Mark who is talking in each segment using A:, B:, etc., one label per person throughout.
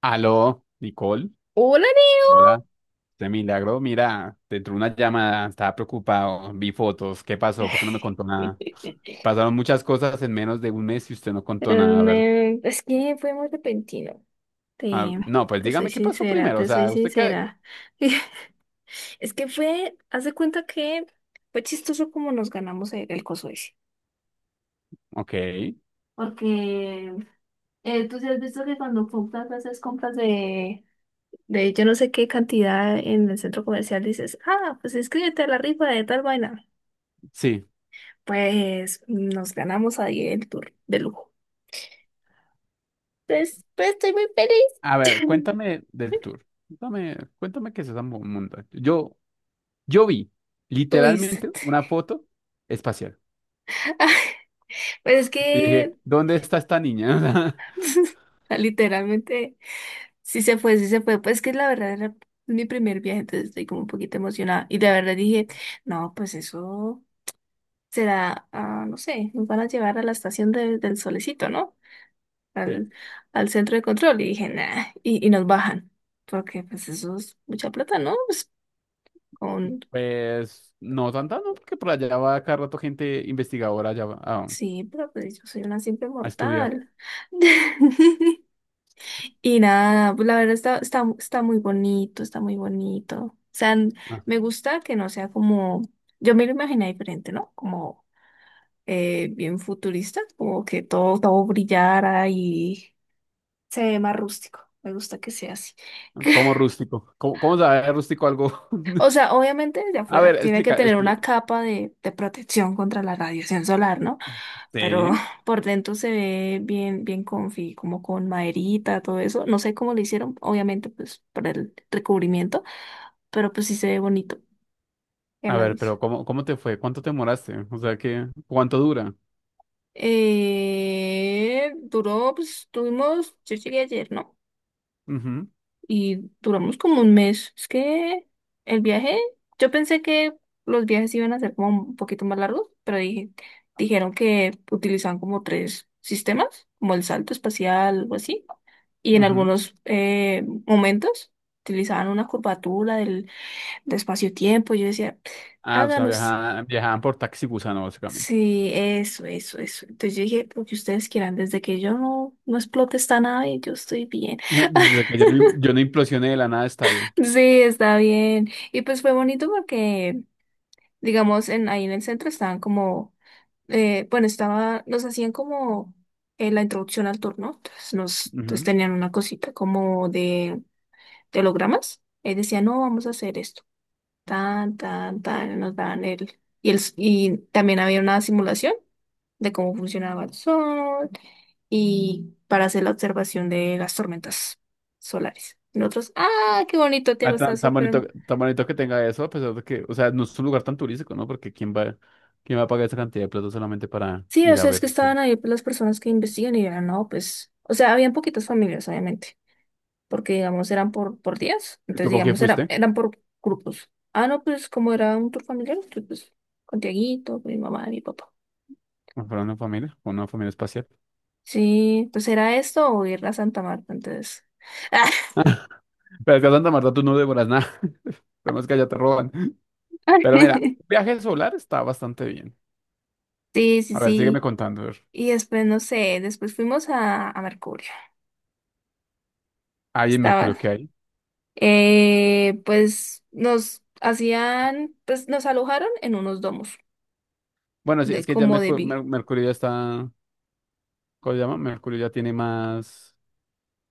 A: Aló, Nicole.
B: Hola,
A: Hola, de milagro. Mira, te entró una llamada, estaba preocupado, vi fotos. ¿Qué pasó? ¿Por qué no me contó
B: Neo.
A: nada? Pasaron muchas cosas en menos de un mes y usted no contó nada. A ver,
B: Es que fue muy repentino.
A: ah,
B: Te,
A: no, pues
B: te soy
A: dígame qué pasó
B: sincera,
A: primero. O
B: te soy
A: sea, usted qué.
B: sincera. Es que fue, haz de cuenta que fue chistoso como nos ganamos el coso ese.
A: Ok,
B: Porque tú sí has visto que cuando compras, haces compras de yo no sé qué cantidad en el centro comercial, dices, ah, pues inscríbete a la rifa de tal vaina.
A: sí.
B: Pues nos ganamos ahí el tour de lujo. Pues estoy muy
A: A ver,
B: feliz.
A: cuéntame del tour. Cuéntame, cuéntame qué es esa montaña. Yo vi
B: Tuviste.
A: literalmente una foto espacial
B: Pues es
A: y dije,
B: que
A: ¿dónde está esta niña?
B: literalmente sí se fue. Pues es que la verdad era mi primer viaje, entonces estoy como un poquito emocionada. Y la verdad dije, no, pues eso será, no sé, nos van a llevar a la estación del solecito, ¿no? Al,
A: Sí.
B: al centro de control. Y dije, nah, y nos bajan. Porque pues eso es mucha plata, ¿no? Pues, con...
A: Pues no tanta, no, porque por allá va cada rato gente investigadora allá va a,
B: Sí, pero pues yo soy una simple
A: a estudiar.
B: mortal. Y nada, pues la verdad está muy bonito, está muy bonito. O sea, n-
A: Ah,
B: me gusta que no sea como, yo me lo imaginé diferente, ¿no? Como bien futurista, como que todo brillara y se ve más rústico. Me gusta que sea así.
A: como rústico. ¿Cómo sabe rústico algo?
B: O sea, obviamente desde
A: A
B: afuera
A: ver,
B: tiene que
A: explica,
B: tener una
A: explica.
B: capa de protección contra la radiación solar, ¿no? Pero
A: Sí.
B: por dentro se ve bien, bien comfy, como con maderita, todo eso. No sé cómo lo hicieron, obviamente, pues para el recubrimiento, pero pues sí se ve bonito. ¿Qué
A: A ver,
B: más?
A: pero ¿cómo te fue? ¿Cuánto te demoraste? O sea, qué, ¿cuánto dura?
B: Duró, pues tuvimos, yo llegué ayer, ¿no?
A: Ujú,
B: Y duramos como un mes. Es que el viaje, yo pensé que los viajes iban a ser como un poquito más largos, pero dije, dijeron que utilizaban como tres sistemas, como el salto espacial o así. Y en
A: ujú.
B: algunos momentos utilizaban una curvatura de espacio-tiempo. Yo decía,
A: Ah, o sea,
B: háganos.
A: viajaban, viajaban por taxi gusano, básicamente.
B: Sí, eso, eso, eso. Entonces yo dije, lo que ustedes quieran, desde que yo no explote esta nave, yo estoy bien.
A: Desde que yo no, yo no implosioné de la nada, está bien.
B: Sí, está bien. Y pues fue bonito porque, digamos, ahí en el centro estaban como, bueno, estaba, nos hacían como la introducción al turno. Entonces nos entonces
A: Ujú.
B: tenían una cosita como de hologramas. Y decían, no, vamos a hacer esto. Tan, tan, tan, nos daban el... Y también había una simulación de cómo funcionaba el sol y para hacer la observación de las tormentas solares. Y nosotros, ah, qué bonito,
A: Ah,
B: Tiago, está
A: tan,
B: súper...
A: tan bonito que tenga eso, a pesar de que, o sea, no es un lugar tan turístico, ¿no? Porque quién va a pagar esa cantidad de plata solamente para
B: Sí, o
A: ir a
B: sea, es
A: ver?
B: que estaban ahí pues, las personas que investigan y eran, no, pues, o sea, habían poquitas familias, obviamente, porque, digamos, eran por días,
A: ¿Y tú
B: entonces,
A: con quién
B: digamos, era,
A: fuiste?
B: eran por grupos. Ah, no, pues, como era un tour familiar, entonces, pues, con Tiaguito, con mi mamá, mi papá.
A: ¿Con una familia? ¿Con una familia espacial?
B: Sí, pues era esto o ir a Santa Marta, entonces.
A: Pero es que a Santa Marta tú no devoras nada. Pero es que allá te roban. Pero mira, viaje solar está bastante bien.
B: Sí, sí,
A: A ver, sígueme
B: sí.
A: contando. A ver.
B: Y después, no sé, después fuimos a Mercurio.
A: Ahí en Mercurio,
B: Estaba,
A: ¿qué hay?
B: pues nos hacían, pues nos alojaron en unos domos
A: Bueno, sí,
B: de
A: es que ya
B: como de vi.
A: Mercurio ya está, ¿cómo se llama? Mercurio ya tiene más,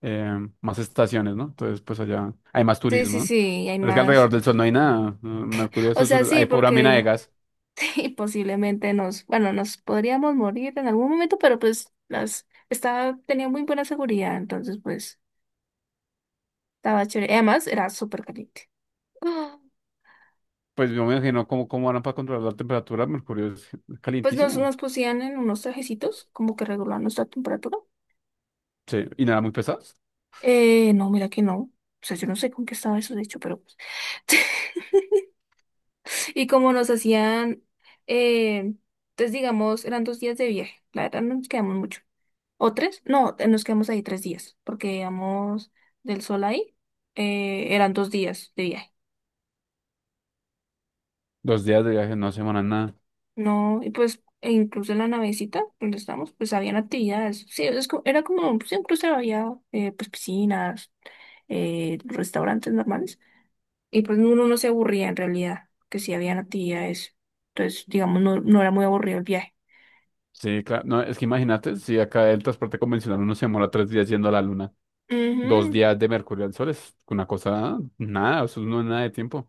A: más estaciones, ¿no? Entonces, pues allá hay más
B: Sí,
A: turismo,
B: sí,
A: ¿no?
B: sí, y hay
A: Pero es que alrededor
B: más.
A: del sol no hay nada, ¿no? Mercurio, eso
B: O
A: es
B: sea,
A: hay
B: sí,
A: pura
B: porque
A: mina de
B: diga,
A: gas.
B: sí, posiblemente nos, bueno, nos podríamos morir en algún momento, pero pues las, estaba, tenía muy buena seguridad, entonces pues estaba chévere. Y además, era súper caliente. Ah,
A: Pues yo me imagino cómo harán para controlar la temperatura. Mercurio es
B: pues nos,
A: calientísimo.
B: nos pusían en unos trajecitos, como que regulaban nuestra temperatura.
A: Sí, y nada, muy pesados.
B: No, mira que no. O sea, yo no sé con qué estaba eso, de hecho, pero pues. Y como nos hacían, eh, entonces digamos, eran 2 días de viaje. La verdad no nos quedamos mucho. ¿O tres? No, nos quedamos ahí 3 días, porque íbamos del sol ahí, eran dos días de viaje.
A: 2 días de viaje no se demoran nada.
B: No, y pues, e incluso en la navecita donde estábamos, pues habían actividades. Sí, es co- era como, sí, incluso había pues piscinas restaurantes normales, y pues uno no se aburría en realidad, que sí habían actividades, entonces digamos no era muy aburrido el viaje.
A: Sí, claro. No, es que imagínate, si acá el transporte convencional uno se demora 3 días yendo a la luna, dos
B: Ujú.
A: días de Mercurio al sol es una cosa, nada, eso no es nada de tiempo.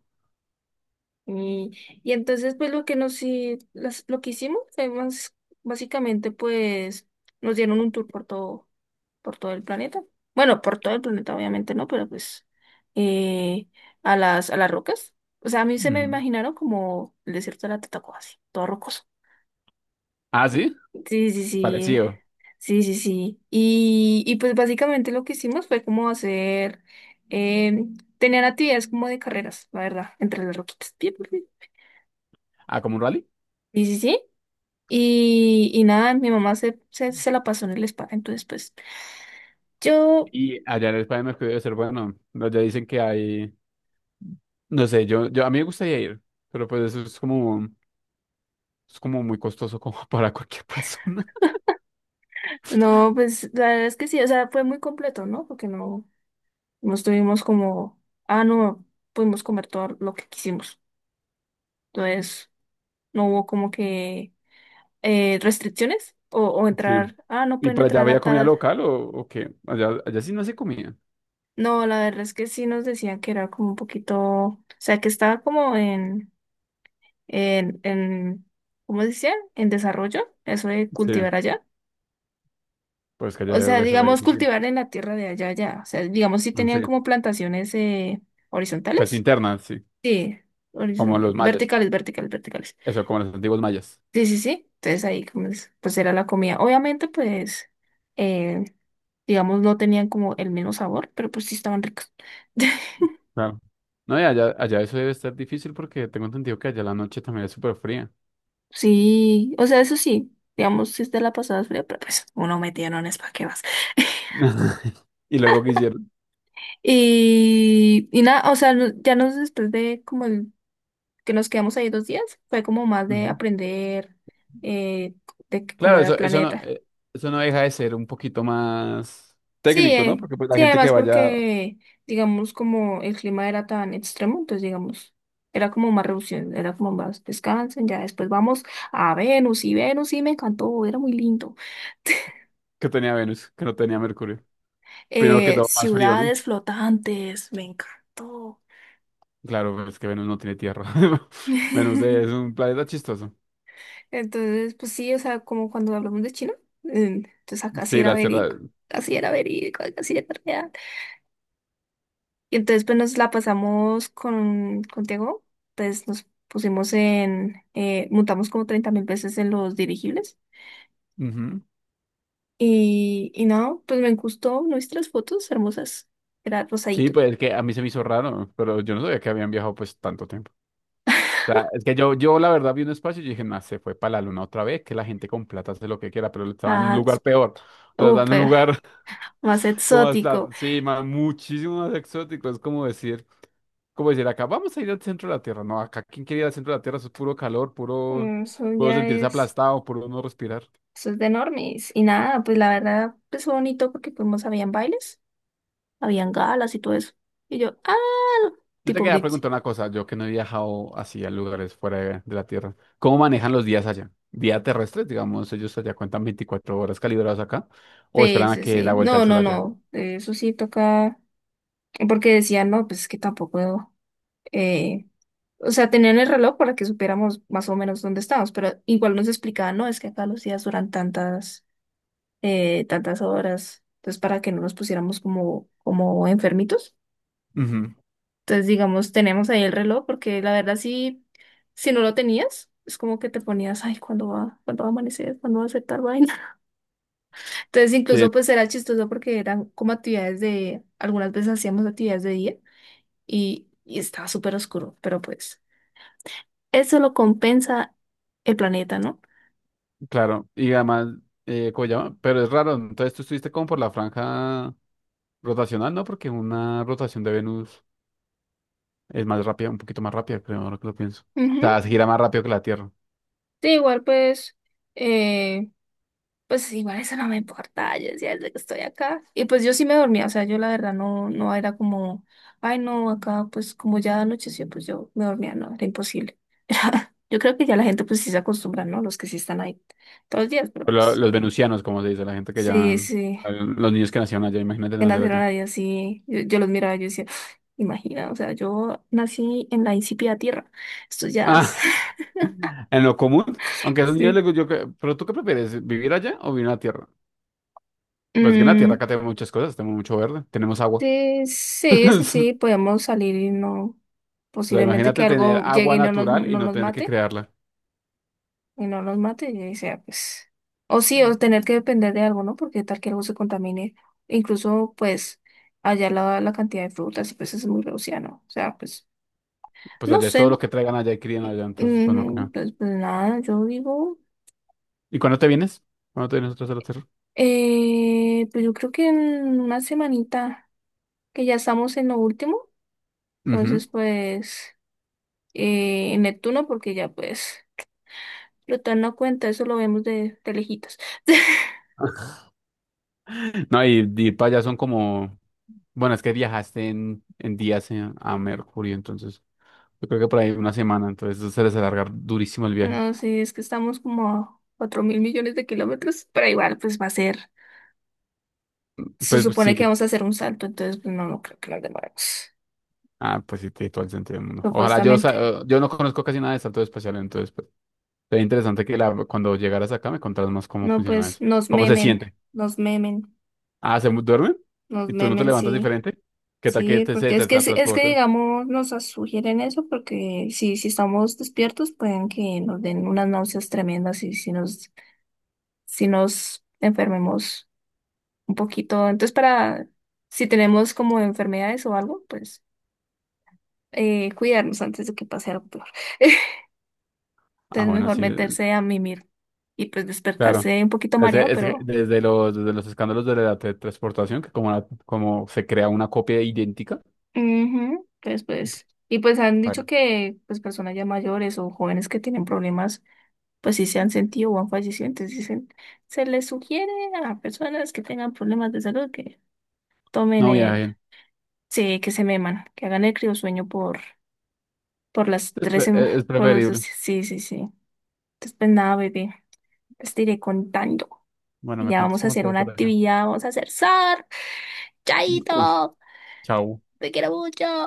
B: Y entonces, pues lo que nos hi- las- lo que hicimos fue más- básicamente, pues, nos dieron un tour por todo el planeta. Bueno, por todo el planeta, obviamente no, pero pues eh, a las rocas. O sea, a mí se me
A: Ujú.
B: imaginaron como el desierto de la Tatacoa, así, todo rocoso.
A: Ah, sí,
B: Sí, sí, sí.
A: parecido.
B: Sí, sí, sí. Y pues básicamente lo que hicimos fue como hacer, eh, tener actividades como de carreras, la verdad, entre las roquitas. Bien, bien, bien.
A: Ah, como un rally.
B: Sí, sí, sí. Y nada, mi mamá se la pasó en el spa, entonces pues yo,
A: Y allá en España me es que debe ser bueno. Allá dicen que hay, no sé, yo a mí me gustaría ir, pero pues eso es como muy costoso como para cualquier persona.
B: no, pues la verdad es que sí, o sea, fue muy completo, ¿no? Porque no, no estuvimos como, ah, no, pudimos comer todo lo que quisimos. Entonces, no hubo como que restricciones o
A: Sí.
B: entrar, ah, no
A: ¿Y
B: pueden
A: para allá
B: entrar
A: había
B: a
A: comida
B: tal.
A: local o qué? Allá, allá sí no se comía.
B: No, la verdad es que sí nos decían que era como un poquito, o sea, que estaba como en, ¿cómo se decía? En desarrollo, eso de
A: Sí,
B: cultivar allá.
A: pues que allá
B: O sea,
A: debe ser re
B: digamos,
A: difícil.
B: cultivar en la tierra de allá, allá. O sea, digamos, sí
A: Ah,
B: tenían
A: sí.
B: como plantaciones
A: Pues
B: horizontales.
A: interna, sí.
B: Sí,
A: Como los mayas.
B: verticales, verticales, verticales.
A: Eso, como los antiguos mayas.
B: Sí, sí, sí. Entonces ahí como es, pues era la comida. Obviamente, pues, eh, digamos, no tenían como el mismo sabor, pero pues sí estaban ricos.
A: Claro. No, y allá, allá eso debe estar difícil porque tengo entendido que allá la noche también es súper fría.
B: Sí, o sea, eso sí, digamos, si te la pasabas fría, pero pues uno metía es ¿para qué vas?
A: Y luego que hicieron.
B: Y nada, o sea, no- ya nos después de como el, que nos quedamos ahí 2 días, fue como más de aprender eh, de que- cómo
A: Claro,
B: era el
A: eso,
B: planeta.
A: eso no deja de ser un poquito más
B: Sí,
A: técnico, ¿no? Porque pues, la
B: sí,
A: gente que
B: además
A: vaya,
B: porque, digamos, como el clima era tan extremo, entonces, digamos, era como más reducción, era como más descansen, ya después vamos a Venus y Venus, sí, me encantó, era muy lindo.
A: que tenía Venus, que no tenía Mercurio. Primero que todo, más frío, ¿no?
B: Ciudades flotantes, me encantó.
A: Claro, pues, es que Venus no tiene tierra. Venus es un planeta chistoso.
B: Entonces, pues sí, o sea, como cuando hablamos de China, entonces acá sí
A: Sí,
B: era
A: la Tierra.
B: verídico, casi era verídico, casi era real. Y entonces, pues nos la pasamos contigo, pues nos pusimos en, montamos como 30.000 veces en los dirigibles.
A: Ujú.
B: Y no, pues me gustó nuestras fotos hermosas, era
A: Sí,
B: rosadito.
A: pues es que a mí se me hizo raro, pero yo no sabía que habían viajado pues tanto tiempo. O sea, es que yo la verdad vi un espacio y dije, no, se fue para la luna otra vez, que la gente con plata hace lo que quiera, pero estaba en un
B: Ah,
A: lugar peor. O sea, estaba en un
B: súper,
A: lugar.
B: más
A: Como
B: exótico.
A: hasta, sí, muchísimo más exótico. Es como decir, acá vamos a ir al centro de la Tierra. No, acá quien quiere ir al centro de la Tierra, eso es puro calor, puro,
B: Mm, eso
A: puedo
B: ya
A: sentirse
B: es.
A: aplastado, puro no respirar.
B: Eso es de normis. Y nada, pues la verdad, pues fue bonito porque fuimos, habían bailes, habían galas y todo eso. Y yo, ah,
A: Yo te
B: tipo
A: quería
B: Britney.
A: preguntar una cosa, yo que no he viajado así a lugares fuera de la Tierra. ¿Cómo manejan los días allá? Día terrestres, digamos, ellos allá cuentan 24 horas calibradas acá, o
B: Sí,
A: esperan a
B: sí,
A: que dé
B: sí.
A: la vuelta al
B: No,
A: sol
B: no,
A: allá.
B: no. Eso sí toca. Porque decían, no, pues es que tampoco. Eh... O sea, tenían el reloj para que supiéramos más o menos dónde estábamos, pero igual nos explicaban, no, es que acá los días duran tantas, tantas horas. Entonces, para que no nos pusiéramos como, como enfermitos.
A: Ujú,
B: Entonces, digamos, tenemos ahí el reloj, porque la verdad sí, si no lo tenías, es como que te ponías, ay, cuándo va a amanecer? ¿Cuándo va a ser tal vaina? Entonces,
A: sí,
B: incluso pues era chistoso porque eran como actividades de, algunas veces hacíamos actividades de día y estaba súper oscuro, pero pues eso lo compensa el planeta, ¿no?
A: claro. Y además, ¿cómo se llama? Pero es raro, entonces tú estuviste como por la franja. Rotacional no, porque una rotación de Venus es más rápida, un poquito más rápida, creo, ahora que lo pienso.
B: Ujú.
A: O sea, se gira más rápido que la Tierra.
B: Sí, igual pues Pues igual eso no me importa, yo decía desde que estoy acá. Y pues yo sí me dormía, o sea, yo la verdad no, no era como, ay no, acá pues como ya anocheció, pues yo me dormía, no, era imposible. Yo creo que ya la gente pues sí se acostumbra, ¿no? Los que sí están ahí todos los días, pero
A: Pero
B: pues
A: los venusianos, como se dice, la gente que ya...
B: sí, sí,
A: Los niños que nacieron allá, imagínate
B: que
A: nacer
B: nacieron
A: allá.
B: ahí así, yo los miraba y yo decía, imagina, o sea, yo nací en la insípida tierra, estos ya,
A: Ah, en lo común, aunque a esos niños les
B: sí.
A: gu- yo que- ¿Pero tú qué prefieres, vivir allá o vivir en la Tierra? Pues que en la Tierra
B: Mm,
A: acá tenemos muchas cosas, tenemos mucho verde, tenemos agua.
B: sí, sí, sí, sí, podemos salir y no,
A: O sea,
B: posiblemente que
A: imagínate tener
B: algo llegue
A: agua
B: y no nos,
A: natural y
B: no
A: no
B: nos
A: tener que
B: mate,
A: crearla.
B: y no nos mate, y sea, pues, o sí, o tener que depender de algo, ¿no? Porque tal que algo se contamine, incluso, pues, allá la cantidad de frutas, y pues es muy reducida, ¿no? O sea, pues,
A: Pues
B: no
A: allá es todo
B: sé,
A: lo que traigan allá y crían allá, entonces, pues no
B: mm,
A: creo.
B: pues, pues nada, yo digo,
A: ¿Y cuándo te vienes? ¿Cuándo te vienes otra vez a la Tierra?
B: pues yo creo que en una semanita, que ya estamos en lo último,
A: Ujú.
B: entonces, pues, en Neptuno, porque ya, pues... Plutón no cuenta, eso lo vemos de lejitos.
A: No, y para allá son como, bueno, es que viajaste en, días a Mercurio, entonces yo creo que por ahí una semana, entonces eso se les alargar durísimo el viaje.
B: No, sí, es que estamos como a 4 mil millones de kilómetros, pero igual pues va a ser, se
A: Pues, pues,
B: supone
A: sí,
B: que vamos a hacer un salto, entonces pues no, no creo que nos demoremos,
A: ah, pues sí, tiene todo el sentido del mundo. Ojalá
B: supuestamente.
A: yo no conozco casi nada de salto espacial, entonces pues, sería interesante que la, cuando llegaras acá me contaras más cómo
B: No,
A: funciona
B: pues
A: eso.
B: nos
A: ¿Cómo se
B: memen,
A: siente?
B: nos memen,
A: Ah, ¿se duermen?
B: nos
A: ¿Y tú no te
B: memen,
A: levantas
B: sí,
A: diferente? ¿Qué tal que
B: sí,
A: te, se
B: porque
A: te, te
B: es que
A: transporten?
B: digamos, nos sugieren eso, porque si estamos despiertos pueden que nos den unas náuseas tremendas y si nos, enfermemos un poquito. Entonces, para si tenemos como enfermedades o algo, pues cuidarnos antes de que pase algo peor.
A: Ah,
B: Entonces,
A: bueno,
B: mejor
A: sí,
B: meterse a mimir y pues
A: claro.
B: despertarse un poquito
A: Es,
B: mareado,
A: es que
B: pero
A: desde los, escándalos de la teletransportación, que como se crea una copia idéntica,
B: ujú, pues pues y pues han dicho
A: vale,
B: que pues personas ya mayores o jóvenes que tienen problemas, pues sí se han sentido o han fallecido, entonces dicen, se les sugiere a personas que tengan problemas de salud que tomen
A: no
B: el
A: viajen.
B: Sí, que se meman, que hagan el criosueño por las
A: Es,
B: tres
A: pre-
B: semanas,
A: es
B: por los dos,
A: preferible.
B: sí, sí, sí. Entonces, pues nada, bebé, pues te iré contando.
A: Bueno,
B: Y
A: me
B: ya
A: cuentas
B: vamos a
A: cómo te
B: hacer
A: va
B: una
A: por allá.
B: actividad, vamos a hacer surf.
A: Uy,
B: ¡Chaito!
A: chao.
B: ¡Te quiero mucho!